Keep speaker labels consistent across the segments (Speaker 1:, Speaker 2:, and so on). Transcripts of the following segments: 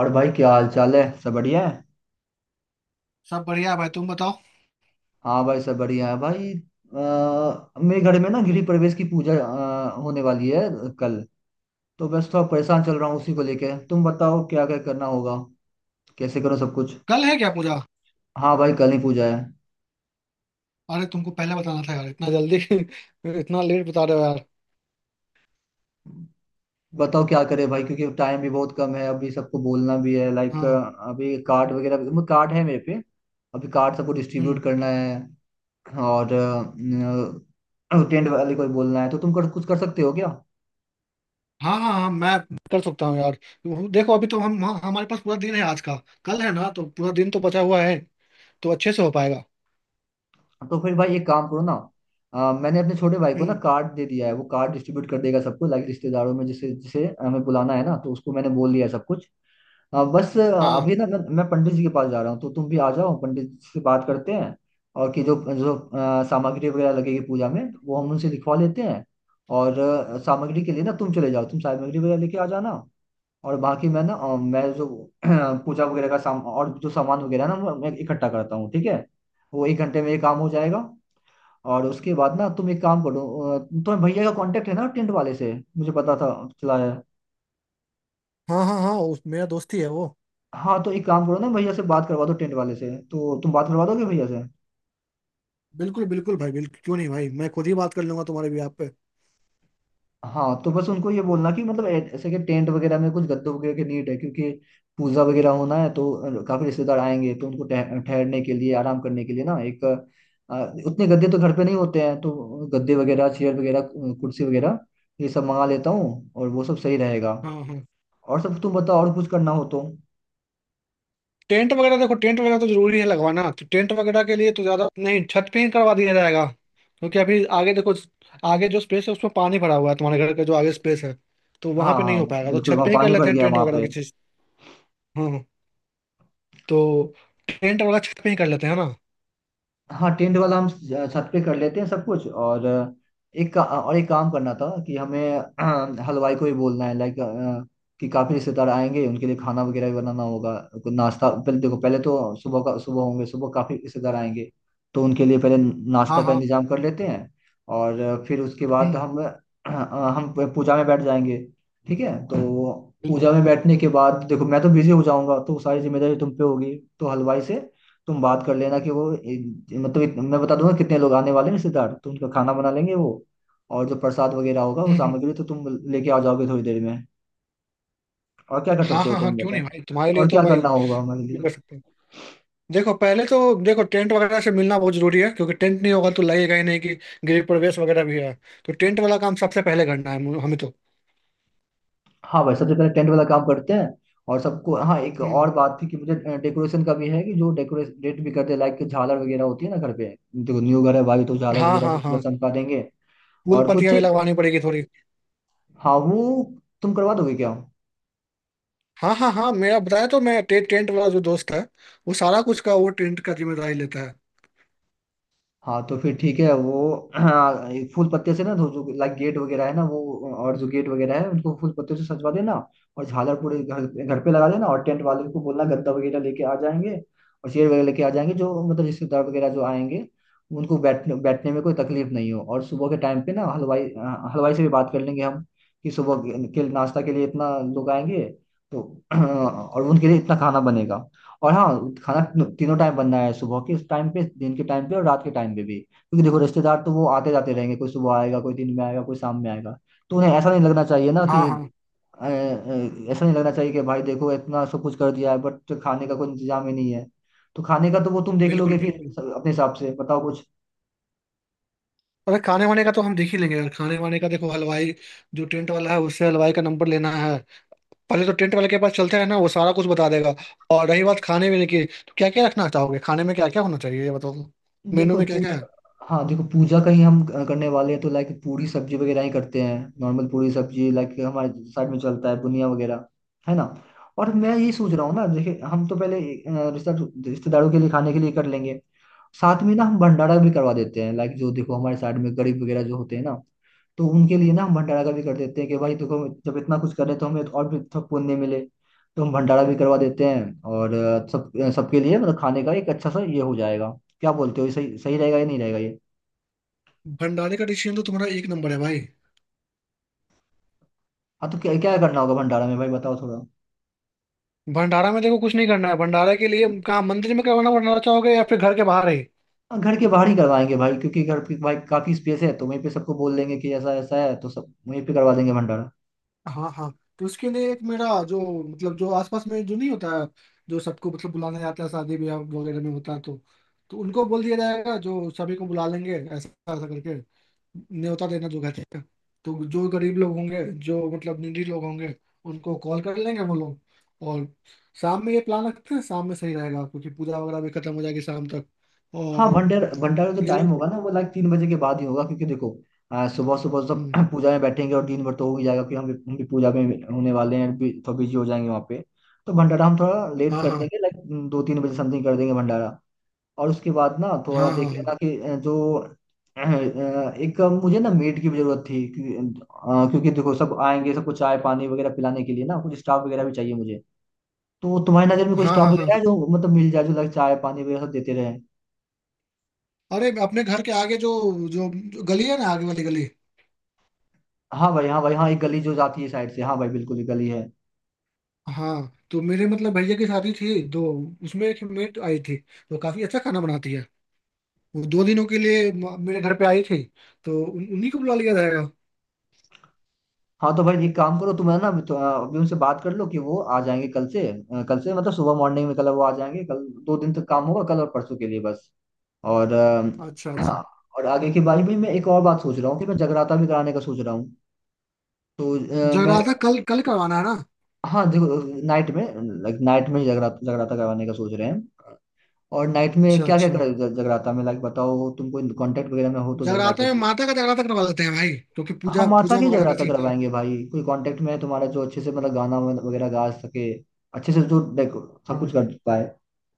Speaker 1: और भाई क्या हाल चाल है। सब बढ़िया है।
Speaker 2: सब बढ़िया भाई तुम बताओ।
Speaker 1: हाँ भाई सब बढ़िया है भाई। मेरे घर में ना गृह प्रवेश की पूजा होने वाली है कल। तो बस थोड़ा परेशान चल रहा हूँ उसी को लेके। तुम बताओ क्या क्या करना होगा, कैसे करो सब कुछ।
Speaker 2: कल है क्या पूजा।
Speaker 1: हाँ भाई कल ही पूजा है।
Speaker 2: अरे तुमको पहले बताना था यार इतना जल्दी। इतना लेट बता रहे हो यार।
Speaker 1: बताओ क्या करे भाई, क्योंकि टाइम भी बहुत कम है। अभी सबको बोलना भी है, लाइक
Speaker 2: हाँ।
Speaker 1: अभी कार्ड कार्ड है मेरे पे। अभी कार्ड सबको
Speaker 2: हम्म।
Speaker 1: डिस्ट्रीब्यूट करना है। और टेंट वाले को भी बोलना है, तो कुछ कर सकते हो क्या।
Speaker 2: हाँ हाँ हाँ, मैं कर सकता हूँ यार। देखो अभी तो हमारे पास पूरा दिन है आज का। कल है ना तो पूरा दिन तो बचा हुआ है। तो अच्छे से हो पाएगा।
Speaker 1: तो फिर भाई एक काम करो ना। मैंने अपने छोटे भाई को ना
Speaker 2: हम्म।
Speaker 1: कार्ड दे दिया है। वो कार्ड डिस्ट्रीब्यूट कर देगा सबको, लाइक रिश्तेदारों में जिसे जिसे हमें बुलाना है ना, तो उसको मैंने बोल दिया है सब कुछ। अ, बस अ,
Speaker 2: हाँ
Speaker 1: अभी ना मैं पंडित जी के पास जा रहा हूँ, तो तुम भी आ जाओ। पंडित जी से बात करते हैं। और कि जो जो सामग्री वगैरह लगेगी पूजा में, वो हम उनसे लिखवा लेते हैं। और सामग्री के लिए ना तुम चले जाओ, तुम सामग्री वगैरह लेके आ जाना। और बाकी मैं ना मैं जो पूजा वगैरह का साम और जो सामान वगैरह ना, वो मैं इकट्ठा करता हूँ, ठीक है। वो 1 घंटे में ये काम हो जाएगा। और उसके बाद ना तुम एक काम करो। अ, तुम्हें भैया का कांटेक्ट है ना टेंट वाले से। मुझे पता था चला है।
Speaker 2: हाँ हाँ हाँ, उस मेरा दोस्त ही है वो।
Speaker 1: हाँ तो एक काम करो ना, भैया से बात करवा दो टेंट वाले से, तो तुम बात करवा दोगे भैया से।
Speaker 2: बिल्कुल बिल्कुल भाई बिल्कुल, क्यों नहीं भाई, मैं खुद ही बात कर लूंगा तुम्हारे भी आप पे।
Speaker 1: हाँ तो बस उनको ये बोलना कि मतलब ऐसे कि टेंट वगैरह में कुछ गद्दों वगैरह की नीड है। क्योंकि पूजा वगैरह होना है, तो काफी रिश्तेदार आएंगे, तो उनको ठहरने के लिए, आराम करने के लिए ना एक उतने गद्दे तो घर पे नहीं होते हैं। तो गद्दे वगैरह, चेयर वगैरह, कुर्सी वगैरह, ये सब मंगा लेता हूँ, और वो सब सही रहेगा।
Speaker 2: हाँ हाँ।
Speaker 1: और सब तुम बताओ, और कुछ करना हो तो।
Speaker 2: टेंट वगैरह देखो, टेंट वगैरह तो जरूरी है लगवाना, तो टेंट वगैरह के लिए तो ज्यादा नहीं, छत पे ही करवा दिया जाएगा। क्योंकि अभी आगे देखो, आगे जो स्पेस है उसमें पानी भरा हुआ है, तुम्हारे घर का जो आगे स्पेस है। तो
Speaker 1: हाँ
Speaker 2: वहां पे नहीं
Speaker 1: हाँ,
Speaker 2: हो पाएगा तो
Speaker 1: बिल्कुल
Speaker 2: छत
Speaker 1: वहाँ
Speaker 2: पे ही कर
Speaker 1: पानी
Speaker 2: लेते
Speaker 1: भर
Speaker 2: हैं
Speaker 1: गया
Speaker 2: टेंट
Speaker 1: वहाँ
Speaker 2: वगैरह
Speaker 1: पे।
Speaker 2: की चीज। हाँ हाँ। तो टेंट वगैरह छत पे ही कर लेते हैं ना।
Speaker 1: हाँ टेंट वाला हम छत पे कर लेते हैं सब कुछ। और एक और एक काम करना था कि हमें हलवाई को भी बोलना है, लाइक कि काफी रिश्तेदार आएंगे, उनके लिए खाना वगैरह भी बनाना होगा। कोई नाश्ता, पहले देखो पहले तो सुबह का सुबह होंगे, सुबह काफी रिश्तेदार आएंगे। तो उनके लिए पहले नाश्ता
Speaker 2: हाँ
Speaker 1: का
Speaker 2: हाँ।
Speaker 1: इंतजाम कर लेते हैं। और फिर उसके बाद
Speaker 2: हम्म।
Speaker 1: हम हम पूजा में बैठ जाएंगे। ठीक है तो पूजा
Speaker 2: बिल्कुल।
Speaker 1: में बैठने के बाद देखो मैं तो बिजी हो जाऊंगा, तो सारी जिम्मेदारी तुम पे होगी। तो हलवाई से तुम बात कर लेना कि वो मैं बता दूंगा कितने लोग आने वाले हैं रिश्तेदार, तो उनका खाना बना लेंगे वो। और जो प्रसाद वगैरह होगा वो
Speaker 2: हम्म हम्म।
Speaker 1: सामग्री तो तुम लेके आ जाओगे थोड़ी देर में। और क्या कर
Speaker 2: हाँ
Speaker 1: सकते हो
Speaker 2: हाँ हाँ,
Speaker 1: तुम
Speaker 2: क्यों
Speaker 1: बताओ।
Speaker 2: नहीं भाई, तुम्हारे लिए
Speaker 1: और
Speaker 2: तो
Speaker 1: क्या
Speaker 2: भाई
Speaker 1: करना
Speaker 2: ये
Speaker 1: होगा हमारे लिए।
Speaker 2: कर सकते हैं। देखो पहले तो, देखो टेंट वगैरह से मिलना बहुत जरूरी है, क्योंकि टेंट नहीं होगा तो लगेगा ही नहीं कि गृह प्रवेश वगैरह भी है। तो टेंट वाला काम सबसे पहले करना है हमें तो।
Speaker 1: हाँ भाई सबसे पहले टेंट वाला काम करते हैं। और सबको हाँ एक और
Speaker 2: हम्म।
Speaker 1: बात थी कि मुझे डेकोरेशन का भी है, कि जो डेकोरेट भी करते हैं, लाइक झालर वगैरह होती है ना घर पे। देखो न्यू घर है भाई, तो झालर
Speaker 2: हाँ
Speaker 1: वगैरह
Speaker 2: हाँ
Speaker 1: से पूरा
Speaker 2: हाँ,
Speaker 1: चमका देंगे।
Speaker 2: फूल
Speaker 1: और कुछ
Speaker 2: पत्तियां भी लगवानी पड़ेगी थोड़ी।
Speaker 1: हाँ वो तुम करवा दोगे क्या।
Speaker 2: हाँ हाँ हाँ, मेरा बताया तो मैं टेंट वाला जो दोस्त है, वो सारा कुछ का वो टेंट का जिम्मेदारी लेता है।
Speaker 1: हाँ तो फिर ठीक है वो। हाँ, ये फूल पत्ते से ना जो जो लाइक गेट वगैरह है ना वो, और जो गेट वगैरह है उनको फूल पत्ते से सजवा देना। और झालर पूरे घर घर पे लगा देना। और टेंट वाले को बोलना गद्दा वगैरह लेके आ जाएंगे, और चेयर वगैरह लेके आ जाएंगे, जो मतलब रिश्तेदार वगैरह जो आएंगे, उनको बैठने बैठने में कोई तकलीफ नहीं हो। और सुबह के टाइम पे ना हलवाई से भी बात कर लेंगे हम, कि सुबह के नाश्ता के लिए इतना लोग आएंगे तो और उनके लिए इतना खाना बनेगा। और हाँ, खाना तीनों तीनों टाइम बनना है, सुबह के उस टाइम पे, दिन के टाइम पे, और रात के टाइम पे भी। क्योंकि देखो रिश्तेदार तो वो आते जाते रहेंगे, कोई सुबह आएगा, कोई दिन में आएगा, कोई शाम में आएगा। तो उन्हें ऐसा नहीं लगना चाहिए ना, कि
Speaker 2: हाँ हाँ।
Speaker 1: ऐसा नहीं लगना चाहिए कि भाई देखो इतना सब कुछ कर दिया है बट खाने का कोई इंतजाम ही नहीं है। तो खाने का तो वो तुम देख
Speaker 2: बिल्कुल
Speaker 1: लोगे फिर।
Speaker 2: बिल्कुल।
Speaker 1: अपने हिसाब से बताओ कुछ।
Speaker 2: अरे खाने वाने का तो हम देख ही लेंगे यार, खाने वाने का देखो, हलवाई जो टेंट वाला है उससे हलवाई का नंबर लेना है। पहले तो टेंट वाले के पास चलते हैं ना, वो सारा कुछ बता देगा। और रही बात खाने पीने की, तो क्या क्या रखना चाहोगे खाने में, क्या क्या होना चाहिए ये बताओ। मेनू
Speaker 1: देखो
Speaker 2: में क्या
Speaker 1: पू,
Speaker 2: क्या है।
Speaker 1: हाँ देखो पूजा का ही हम करने वाले हैं, तो लाइक पूरी सब्जी वगैरह ही करते हैं नॉर्मल। पूरी सब्जी, लाइक हमारे साइड में चलता है बुनिया वगैरह, है ना। और मैं ये सोच रहा हूँ ना, देखिए हम तो पहले अ, रिश्ता रिश्तेदारों के लिए खाने के लिए कर लेंगे। साथ में ना हम भंडारा भी करवा देते हैं, लाइक जो देखो हमारे साइड में गरीब वगैरह जो होते हैं ना, तो उनके लिए ना हम भंडारा का भी कर देते हैं। कि भाई देखो जब इतना कुछ कर रहे तो हमें तो और भी थोड़ा पुण्य मिले। तो हम भंडारा भी करवा देते हैं। और सबके लिए मतलब खाने का एक अच्छा सा ये हो जाएगा। क्या बोलते हो, ये सही सही रहेगा या नहीं रहेगा ये।
Speaker 2: भंडारे का डिसीजन तो तुम्हारा एक नंबर है भाई।
Speaker 1: हाँ तो क्या क्या करना होगा भंडारा में भाई, बताओ थोड़ा।
Speaker 2: भंडारा में देखो कुछ नहीं करना है, भंडारा के लिए कहाँ मंदिर में करवाना भंडारा चाहोगे या फिर घर के बाहर ही।
Speaker 1: हाँ, घर के बाहर ही करवाएंगे भाई, क्योंकि घर की भाई काफी स्पेस है, तो वहीं पे सबको बोल देंगे कि ऐसा ऐसा है, तो सब वहीं पे करवा देंगे भंडारा।
Speaker 2: हाँ हाँ। तो उसके लिए एक मेरा जो मतलब जो आसपास में जो नहीं होता है, जो सबको मतलब बुलाने जाता है, शादी ब्याह वगैरह में होता है तो उनको बोल दिया जाएगा, जो सभी को बुला लेंगे ऐसा ऐसा करके, न्योता देना जो कहते हैं। तो जो गरीब लोग होंगे, जो मतलब निडी लोग होंगे, उनको कॉल कर लेंगे वो लोग। और शाम में ये प्लान रखते हैं, शाम में सही रहेगा क्योंकि पूजा वगैरह भी खत्म हो जाएगी शाम तक।
Speaker 1: हाँ
Speaker 2: और
Speaker 1: भंडारा जो
Speaker 2: ये
Speaker 1: टाइम
Speaker 2: लोग।
Speaker 1: होगा ना वो लाइक 3 बजे के बाद ही होगा। क्योंकि देखो सुबह सुबह सब
Speaker 2: हम्म।
Speaker 1: पूजा में बैठेंगे, और दिन भर तो हो ही जाएगा। क्योंकि हम भी पूजा में होने वाले हैं, थोड़ा बिजी हो जाएंगे वहाँ पे। तो भंडारा हम थोड़ा लेट
Speaker 2: हाँ
Speaker 1: कर
Speaker 2: हाँ
Speaker 1: देंगे, लाइक 2-3 बजे समथिंग कर देंगे भंडारा। और उसके बाद ना थोड़ा
Speaker 2: हाँ हाँ
Speaker 1: देख
Speaker 2: हाँ
Speaker 1: लेना कि एक मुझे ना मेड की भी जरूरत थी। क्योंकि क्योंकि देखो सब आएंगे, सबको चाय पानी वगैरह पिलाने के लिए ना कुछ स्टाफ वगैरह भी चाहिए मुझे। तो तुम्हारी नजर में कोई
Speaker 2: हाँ
Speaker 1: स्टाफ
Speaker 2: हाँ हाँ।
Speaker 1: वगैरह है जो मतलब मिल जाए जो लाइक चाय पानी वगैरह सब देते रहे।
Speaker 2: अरे अपने घर के आगे जो, जो गली है ना, आगे वाली गली।
Speaker 1: हाँ भाई हाँ भाई हाँ, एक गली जो जाती है साइड से, हाँ भाई बिल्कुल एक गली है।
Speaker 2: हाँ तो मेरे मतलब भैया की शादी थी तो उसमें एक मेट आई थी, तो काफी अच्छा खाना बनाती है। वो दो दिनों के लिए मेरे घर पे आई थी। तो उन्हीं को बुला लिया जाएगा।
Speaker 1: हाँ तो भाई एक काम करो, तुम है ना अभी उनसे बात कर लो कि वो आ जाएंगे कल से। कल से मतलब सुबह मॉर्निंग में कल वो आ जाएंगे। कल 2 दिन तक काम होगा, कल और परसों के लिए बस। और
Speaker 2: अच्छा अच्छा।
Speaker 1: हाँ, और आगे की बारी में मैं एक और बात सोच रहा हूँ कि मैं जगराता भी कराने का सोच रहा हूँ। तो अ, मैं
Speaker 2: जगराता कल कल करवाना है ना।
Speaker 1: हाँ देखो नाइट में, लाइक नाइट में जगराता जगराता करवाने का सोच रहे हैं। और नाइट में
Speaker 2: अच्छा
Speaker 1: क्या क्या
Speaker 2: अच्छा।
Speaker 1: जगराता में, लाइक बताओ तुमको कांटेक्ट वगैरह में हो तो
Speaker 2: जगराता
Speaker 1: जगराता।
Speaker 2: में माता का जगराता करवा लेते हैं भाई, क्योंकि पूजा
Speaker 1: हम माता
Speaker 2: पूजा
Speaker 1: की
Speaker 2: वगैरह का
Speaker 1: जगराता
Speaker 2: सीन है।
Speaker 1: करवाएंगे भाई, कोई कांटेक्ट में है तुम्हारा जो अच्छे से मतलब गाना वगैरह गा सके, अच्छे से जो देखो सब कुछ
Speaker 2: हाँ।
Speaker 1: कर पाए।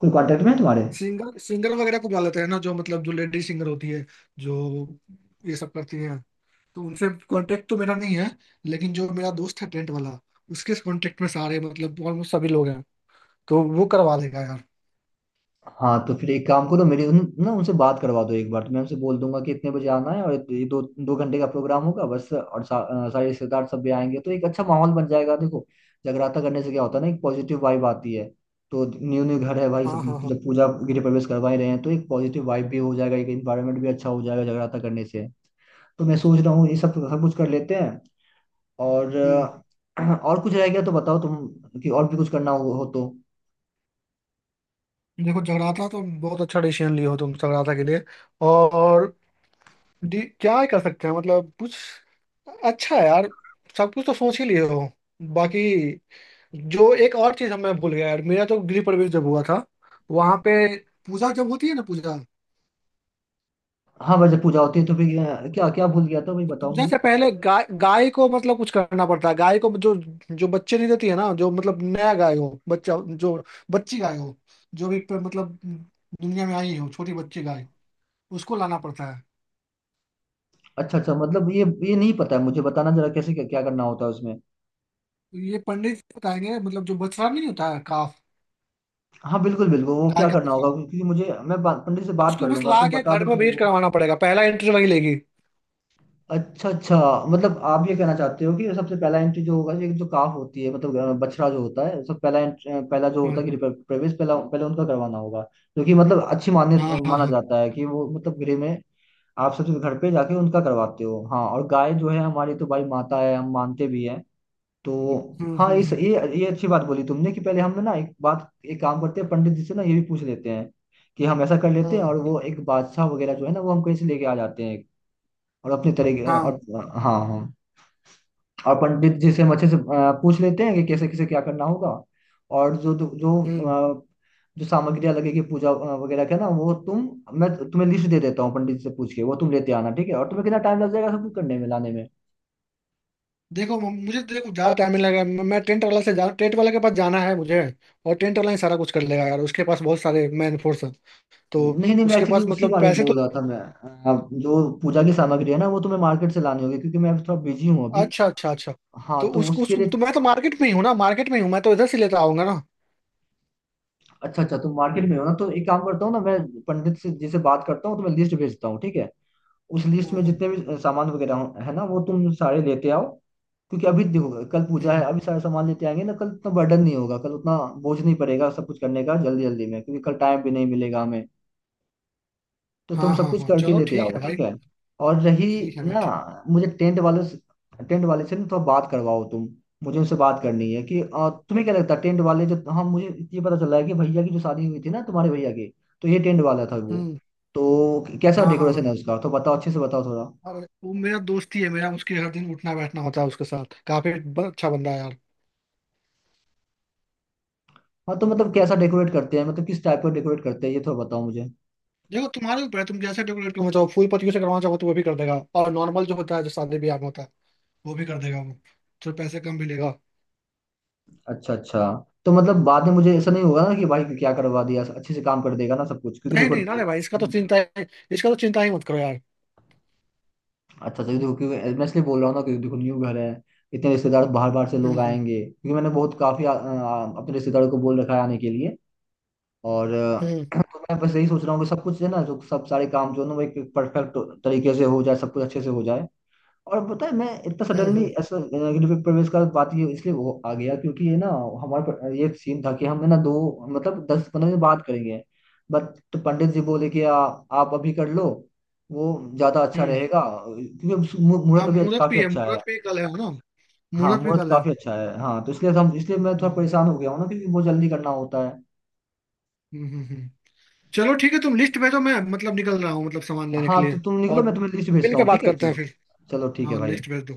Speaker 1: कोई कांटेक्ट में है तुम्हारे।
Speaker 2: सिंगर सिंगर वगैरह को बुला लेते हैं ना, जो मतलब जो लेडी सिंगर होती है, जो ये सब करती है। तो उनसे कांटेक्ट तो मेरा नहीं है, लेकिन जो मेरा दोस्त है टेंट वाला, उसके कांटेक्ट में सारे मतलब ऑलमोस्ट सभी लोग हैं, तो वो करवा देगा यार।
Speaker 1: हाँ तो फिर एक काम करो, मेरी उन, ना उनसे बात करवा दो एक बार, तो मैं उनसे बोल दूंगा कि इतने बजे आना है, और ये दो दो घंटे का प्रोग्राम होगा बस। और सारे रिश्तेदार सब भी आएंगे, तो एक अच्छा माहौल बन जाएगा। देखो जगराता करने से क्या होता है ना, एक पॉजिटिव वाइब आती है। तो न्यू न्यू घर है भाई सब,
Speaker 2: हाँ हाँ हाँ।
Speaker 1: जब पूजा गृह प्रवेश करवा ही रहे हैं, तो एक पॉजिटिव वाइब भी हो जाएगा, एक इन्वायरमेंट भी अच्छा हो जाएगा जगराता करने से। तो मैं सोच रहा हूँ ये सब सब कुछ कर लेते हैं। और
Speaker 2: हम्म।
Speaker 1: और कुछ रह गया तो बताओ तुम, कि और भी कुछ करना हो तो।
Speaker 2: देखो जगराता तो बहुत अच्छा डिसीजन लिए हो तुम जगराता के लिए। और क्या ही कर सकते हैं मतलब, कुछ अच्छा है यार, सब कुछ तो सोच ही लिए हो। बाकी, जो एक और चीज मैं भूल गया यार, मेरा तो गृह प्रवेश जब हुआ था, वहां पे पूजा जब होती है ना पूजा,
Speaker 1: हाँ भाई, जब पूजा होती है तो फिर क्या क्या भूल गया था भाई, बताओ
Speaker 2: पूजन
Speaker 1: मुझे।
Speaker 2: से पहले गाय गाय को मतलब कुछ करना पड़ता है। गाय को जो, जो बच्चे नहीं देती है ना, जो मतलब नया गाय हो बच्चा, जो बच्ची गाय हो, मतलब दुनिया में आई हो छोटी बच्ची गाय, उसको लाना पड़ता है।
Speaker 1: अच्छा अच्छा, मतलब ये नहीं पता है मुझे, बताना जरा कैसे क्या, क्या करना होता है उसमें।
Speaker 2: तो ये पंडित बताएंगे, मतलब जो बछड़ा नहीं होता है काफ,
Speaker 1: हाँ बिल्कुल बिल्कुल, वो
Speaker 2: गाय
Speaker 1: क्या
Speaker 2: का
Speaker 1: करना होगा,
Speaker 2: बछड़ा,
Speaker 1: क्योंकि मुझे पंडित से बात
Speaker 2: उसको
Speaker 1: कर
Speaker 2: बस
Speaker 1: लूंगा,
Speaker 2: ला
Speaker 1: तुम
Speaker 2: के
Speaker 1: बता
Speaker 2: घर
Speaker 1: दो
Speaker 2: में
Speaker 1: थोड़ा
Speaker 2: ब्रीड
Speaker 1: वो।
Speaker 2: करवाना पड़ेगा, पहला एंट्री वही लेगी।
Speaker 1: अच्छा अच्छा, मतलब आप ये कहना चाहते हो कि सबसे पहला एंट्री जो होगा, ये जो काफ होती है मतलब बछड़ा जो होता है, सब पहला एंट्री पहला जो होता
Speaker 2: हाँ
Speaker 1: है प्रवेश पहला पहले उनका करवाना होगा। क्योंकि मतलब अच्छी मान्य
Speaker 2: हाँ हाँ
Speaker 1: माना
Speaker 2: हाँ।
Speaker 1: जाता है कि वो मतलब गृह में आप सबसे घर पे जाके उनका करवाते हो। हाँ और गाय जो है हमारी तो भाई माता है, हम मानते भी हैं। तो
Speaker 2: हम्म
Speaker 1: हाँ
Speaker 2: हम्म
Speaker 1: इस ये
Speaker 2: हम्म
Speaker 1: ये अच्छी बात बोली तुमने कि पहले हम ना एक बात एक काम करते हैं, पंडित जी से ना ये भी पूछ लेते हैं कि हम ऐसा कर लेते हैं।
Speaker 2: हम्म,
Speaker 1: और वो एक बादशाह वगैरह जो है ना वो हमको ऐसे लेके आ जाते हैं, और अपने तरीके और
Speaker 2: हाँ।
Speaker 1: हाँ हाँ। और पंडित जी से हम अच्छे से पूछ लेते हैं कि कैसे कैसे क्या करना होगा। और जो जो जो,
Speaker 2: हम्म।
Speaker 1: अ, जो सामग्रियाँ लगेगी पूजा वगैरह के ना, वो तुम मैं तुम्हें लिस्ट दे देता हूँ, पंडित से पूछ के वो तुम लेते आना, ठीक है। और तुम्हें कितना टाइम लग जाएगा सब कुछ करने में लाने में।
Speaker 2: देखो मुझे तो देखो ज्यादा टाइम नहीं लगेगा, मैं टेंट वाला से जा टेंट वाले के पास जाना है मुझे। और टेंट वाला ही सारा कुछ कर लेगा यार, उसके पास बहुत सारे मैन फोर्स है। तो
Speaker 1: नहीं नहीं मैं
Speaker 2: उसके
Speaker 1: एक्चुअली
Speaker 2: पास
Speaker 1: उसी
Speaker 2: मतलब
Speaker 1: बारे में
Speaker 2: पैसे तो।
Speaker 1: बोल रहा था, जो पूजा की सामग्री है ना, वो तुम्हें मार्केट से लानी होगी, क्योंकि मैं थोड़ा बिजी हूँ अभी।
Speaker 2: अच्छा अच्छा अच्छा।
Speaker 1: हाँ
Speaker 2: तो
Speaker 1: तो
Speaker 2: उसको
Speaker 1: उसके
Speaker 2: उसको
Speaker 1: लिए
Speaker 2: तो मैं तो मार्केट में ही हूँ ना, मार्केट में ही हूँ, मैं तो इधर से लेता आऊंगा ना।
Speaker 1: अच्छा अच्छा, तुम मार्केट में हो ना, तो एक काम करता हूँ ना मैं। पंडित से जी से बात करता हूँ, तो मैं लिस्ट भेजता हूँ, ठीक है। उस लिस्ट
Speaker 2: हम्म
Speaker 1: में
Speaker 2: हम्म
Speaker 1: जितने भी सामान है ना, वो तुम सारे लेते आओ। क्योंकि अभी देखो कल पूजा है,
Speaker 2: हम्म,
Speaker 1: अभी सारे सामान लेते आएंगे ना, कल उतना बर्डन नहीं होगा, कल उतना बोझ नहीं पड़ेगा सब कुछ करने का जल्दी जल्दी में, क्योंकि कल टाइम भी नहीं मिलेगा हमें। तो तुम
Speaker 2: हाँ
Speaker 1: सब
Speaker 2: हाँ
Speaker 1: कुछ
Speaker 2: हाँ,
Speaker 1: करके
Speaker 2: चलो
Speaker 1: लेते
Speaker 2: ठीक
Speaker 1: आओ,
Speaker 2: है
Speaker 1: ठीक
Speaker 2: भाई।
Speaker 1: है। और रही
Speaker 2: ठीक है भाई
Speaker 1: ना,
Speaker 2: ठीक है।
Speaker 1: मुझे टेंट वाले से ना थोड़ा बात करवाओ तुम। मुझे उनसे बात करनी है कि तुम्हें क्या लगता है टेंट वाले जो, हाँ मुझे ये पता चला है कि भैया की जो शादी हुई थी ना तुम्हारे भैया की, तो ये टेंट वाला था वो।
Speaker 2: हम्म।
Speaker 1: तो कैसा
Speaker 2: हाँ हाँ
Speaker 1: डेकोरेशन
Speaker 2: हाँ,
Speaker 1: है उसका, तो बताओ अच्छे से बताओ थोड़ा।
Speaker 2: अरे वो मेरा दोस्त ही है मेरा, उसके हर दिन उठना बैठना होता है उसके साथ, काफी अच्छा बंदा है यार।
Speaker 1: हाँ तो मतलब कैसा डेकोरेट करते हैं, मतलब किस टाइप का डेकोरेट करते हैं, ये थोड़ा बताओ मुझे।
Speaker 2: देखो तुम्हारे ऊपर है, तुम जैसे डेकोरेट करना चाहो, फूल पत्तियों से करवाना चाहो तो वो भी कर देगा, और नॉर्मल जो होता है जो शादी ब्याह में होता है वो भी कर देगा वो। तो पैसे कम भी लेगा।
Speaker 1: अच्छा अच्छा, तो मतलब बाद में मुझे ऐसा नहीं होगा ना कि भाई क्या करवा दिया, अच्छे से काम कर देगा ना सब कुछ, क्योंकि
Speaker 2: नहीं
Speaker 1: देखो
Speaker 2: नहीं ना रे भाई, इसका तो चिंता है, इसका तो चिंता ही मत करो यार।
Speaker 1: अच्छा अच्छा देखो क्योंकि मैं इसलिए बोल रहा हूँ ना, क्योंकि देखो न्यू घर है, इतने रिश्तेदार बाहर बाहर से
Speaker 2: हम्म
Speaker 1: लोग
Speaker 2: हम्म
Speaker 1: आएंगे, क्योंकि मैंने बहुत काफी आ, आ, अपने रिश्तेदारों को बोल रखा है आने के लिए। और
Speaker 2: हम्म
Speaker 1: तो मैं बस यही सोच रहा हूँ कि सब कुछ है ना, जो सब सारे काम जो है ना, वो एक परफेक्ट तरीके से हो जाए, सब कुछ अच्छे से हो जाए। और पता है, मैं इतना
Speaker 2: हम्म
Speaker 1: सडनली
Speaker 2: हम्म
Speaker 1: ऐसा नेगेटिव पे प्रवेश का बात ये इसलिए वो आ गया, क्योंकि ये ना ये सीन था कि हम है ना दो, मतलब 10-15 दिन बात करेंगे बट, तो पंडित जी बोले कि आप अभी कर लो वो ज्यादा अच्छा
Speaker 2: हम्म।
Speaker 1: रहेगा, क्योंकि
Speaker 2: हाँ
Speaker 1: मुहूर्त अभी
Speaker 2: मुहूर्त
Speaker 1: काफी
Speaker 2: भी है,
Speaker 1: अच्छा है।
Speaker 2: मुहूर्त भी कल है ना।
Speaker 1: हाँ
Speaker 2: मुहूर्त भी
Speaker 1: मुहूर्त
Speaker 2: कल है।
Speaker 1: काफी अच्छा है। हाँ तो इसलिए हम इसलिए मैं थोड़ा
Speaker 2: हम्म
Speaker 1: परेशान हो गया हूँ ना, क्योंकि बहुत जल्दी करना होता है।
Speaker 2: हम्म हम्म, हम्म। चलो ठीक है, तुम लिस्ट भेजो, मैं मतलब निकल रहा हूँ मतलब सामान लेने
Speaker 1: हाँ
Speaker 2: के
Speaker 1: तो
Speaker 2: लिए।
Speaker 1: तुम निकलो,
Speaker 2: और
Speaker 1: मैं तुम्हें लिस्ट
Speaker 2: मिल
Speaker 1: भेजता
Speaker 2: के
Speaker 1: हूँ,
Speaker 2: बात
Speaker 1: ठीक है
Speaker 2: करते हैं
Speaker 1: चलो।
Speaker 2: फिर।
Speaker 1: चलो ठीक है
Speaker 2: हाँ
Speaker 1: भाई।
Speaker 2: लिस्ट भेज दो।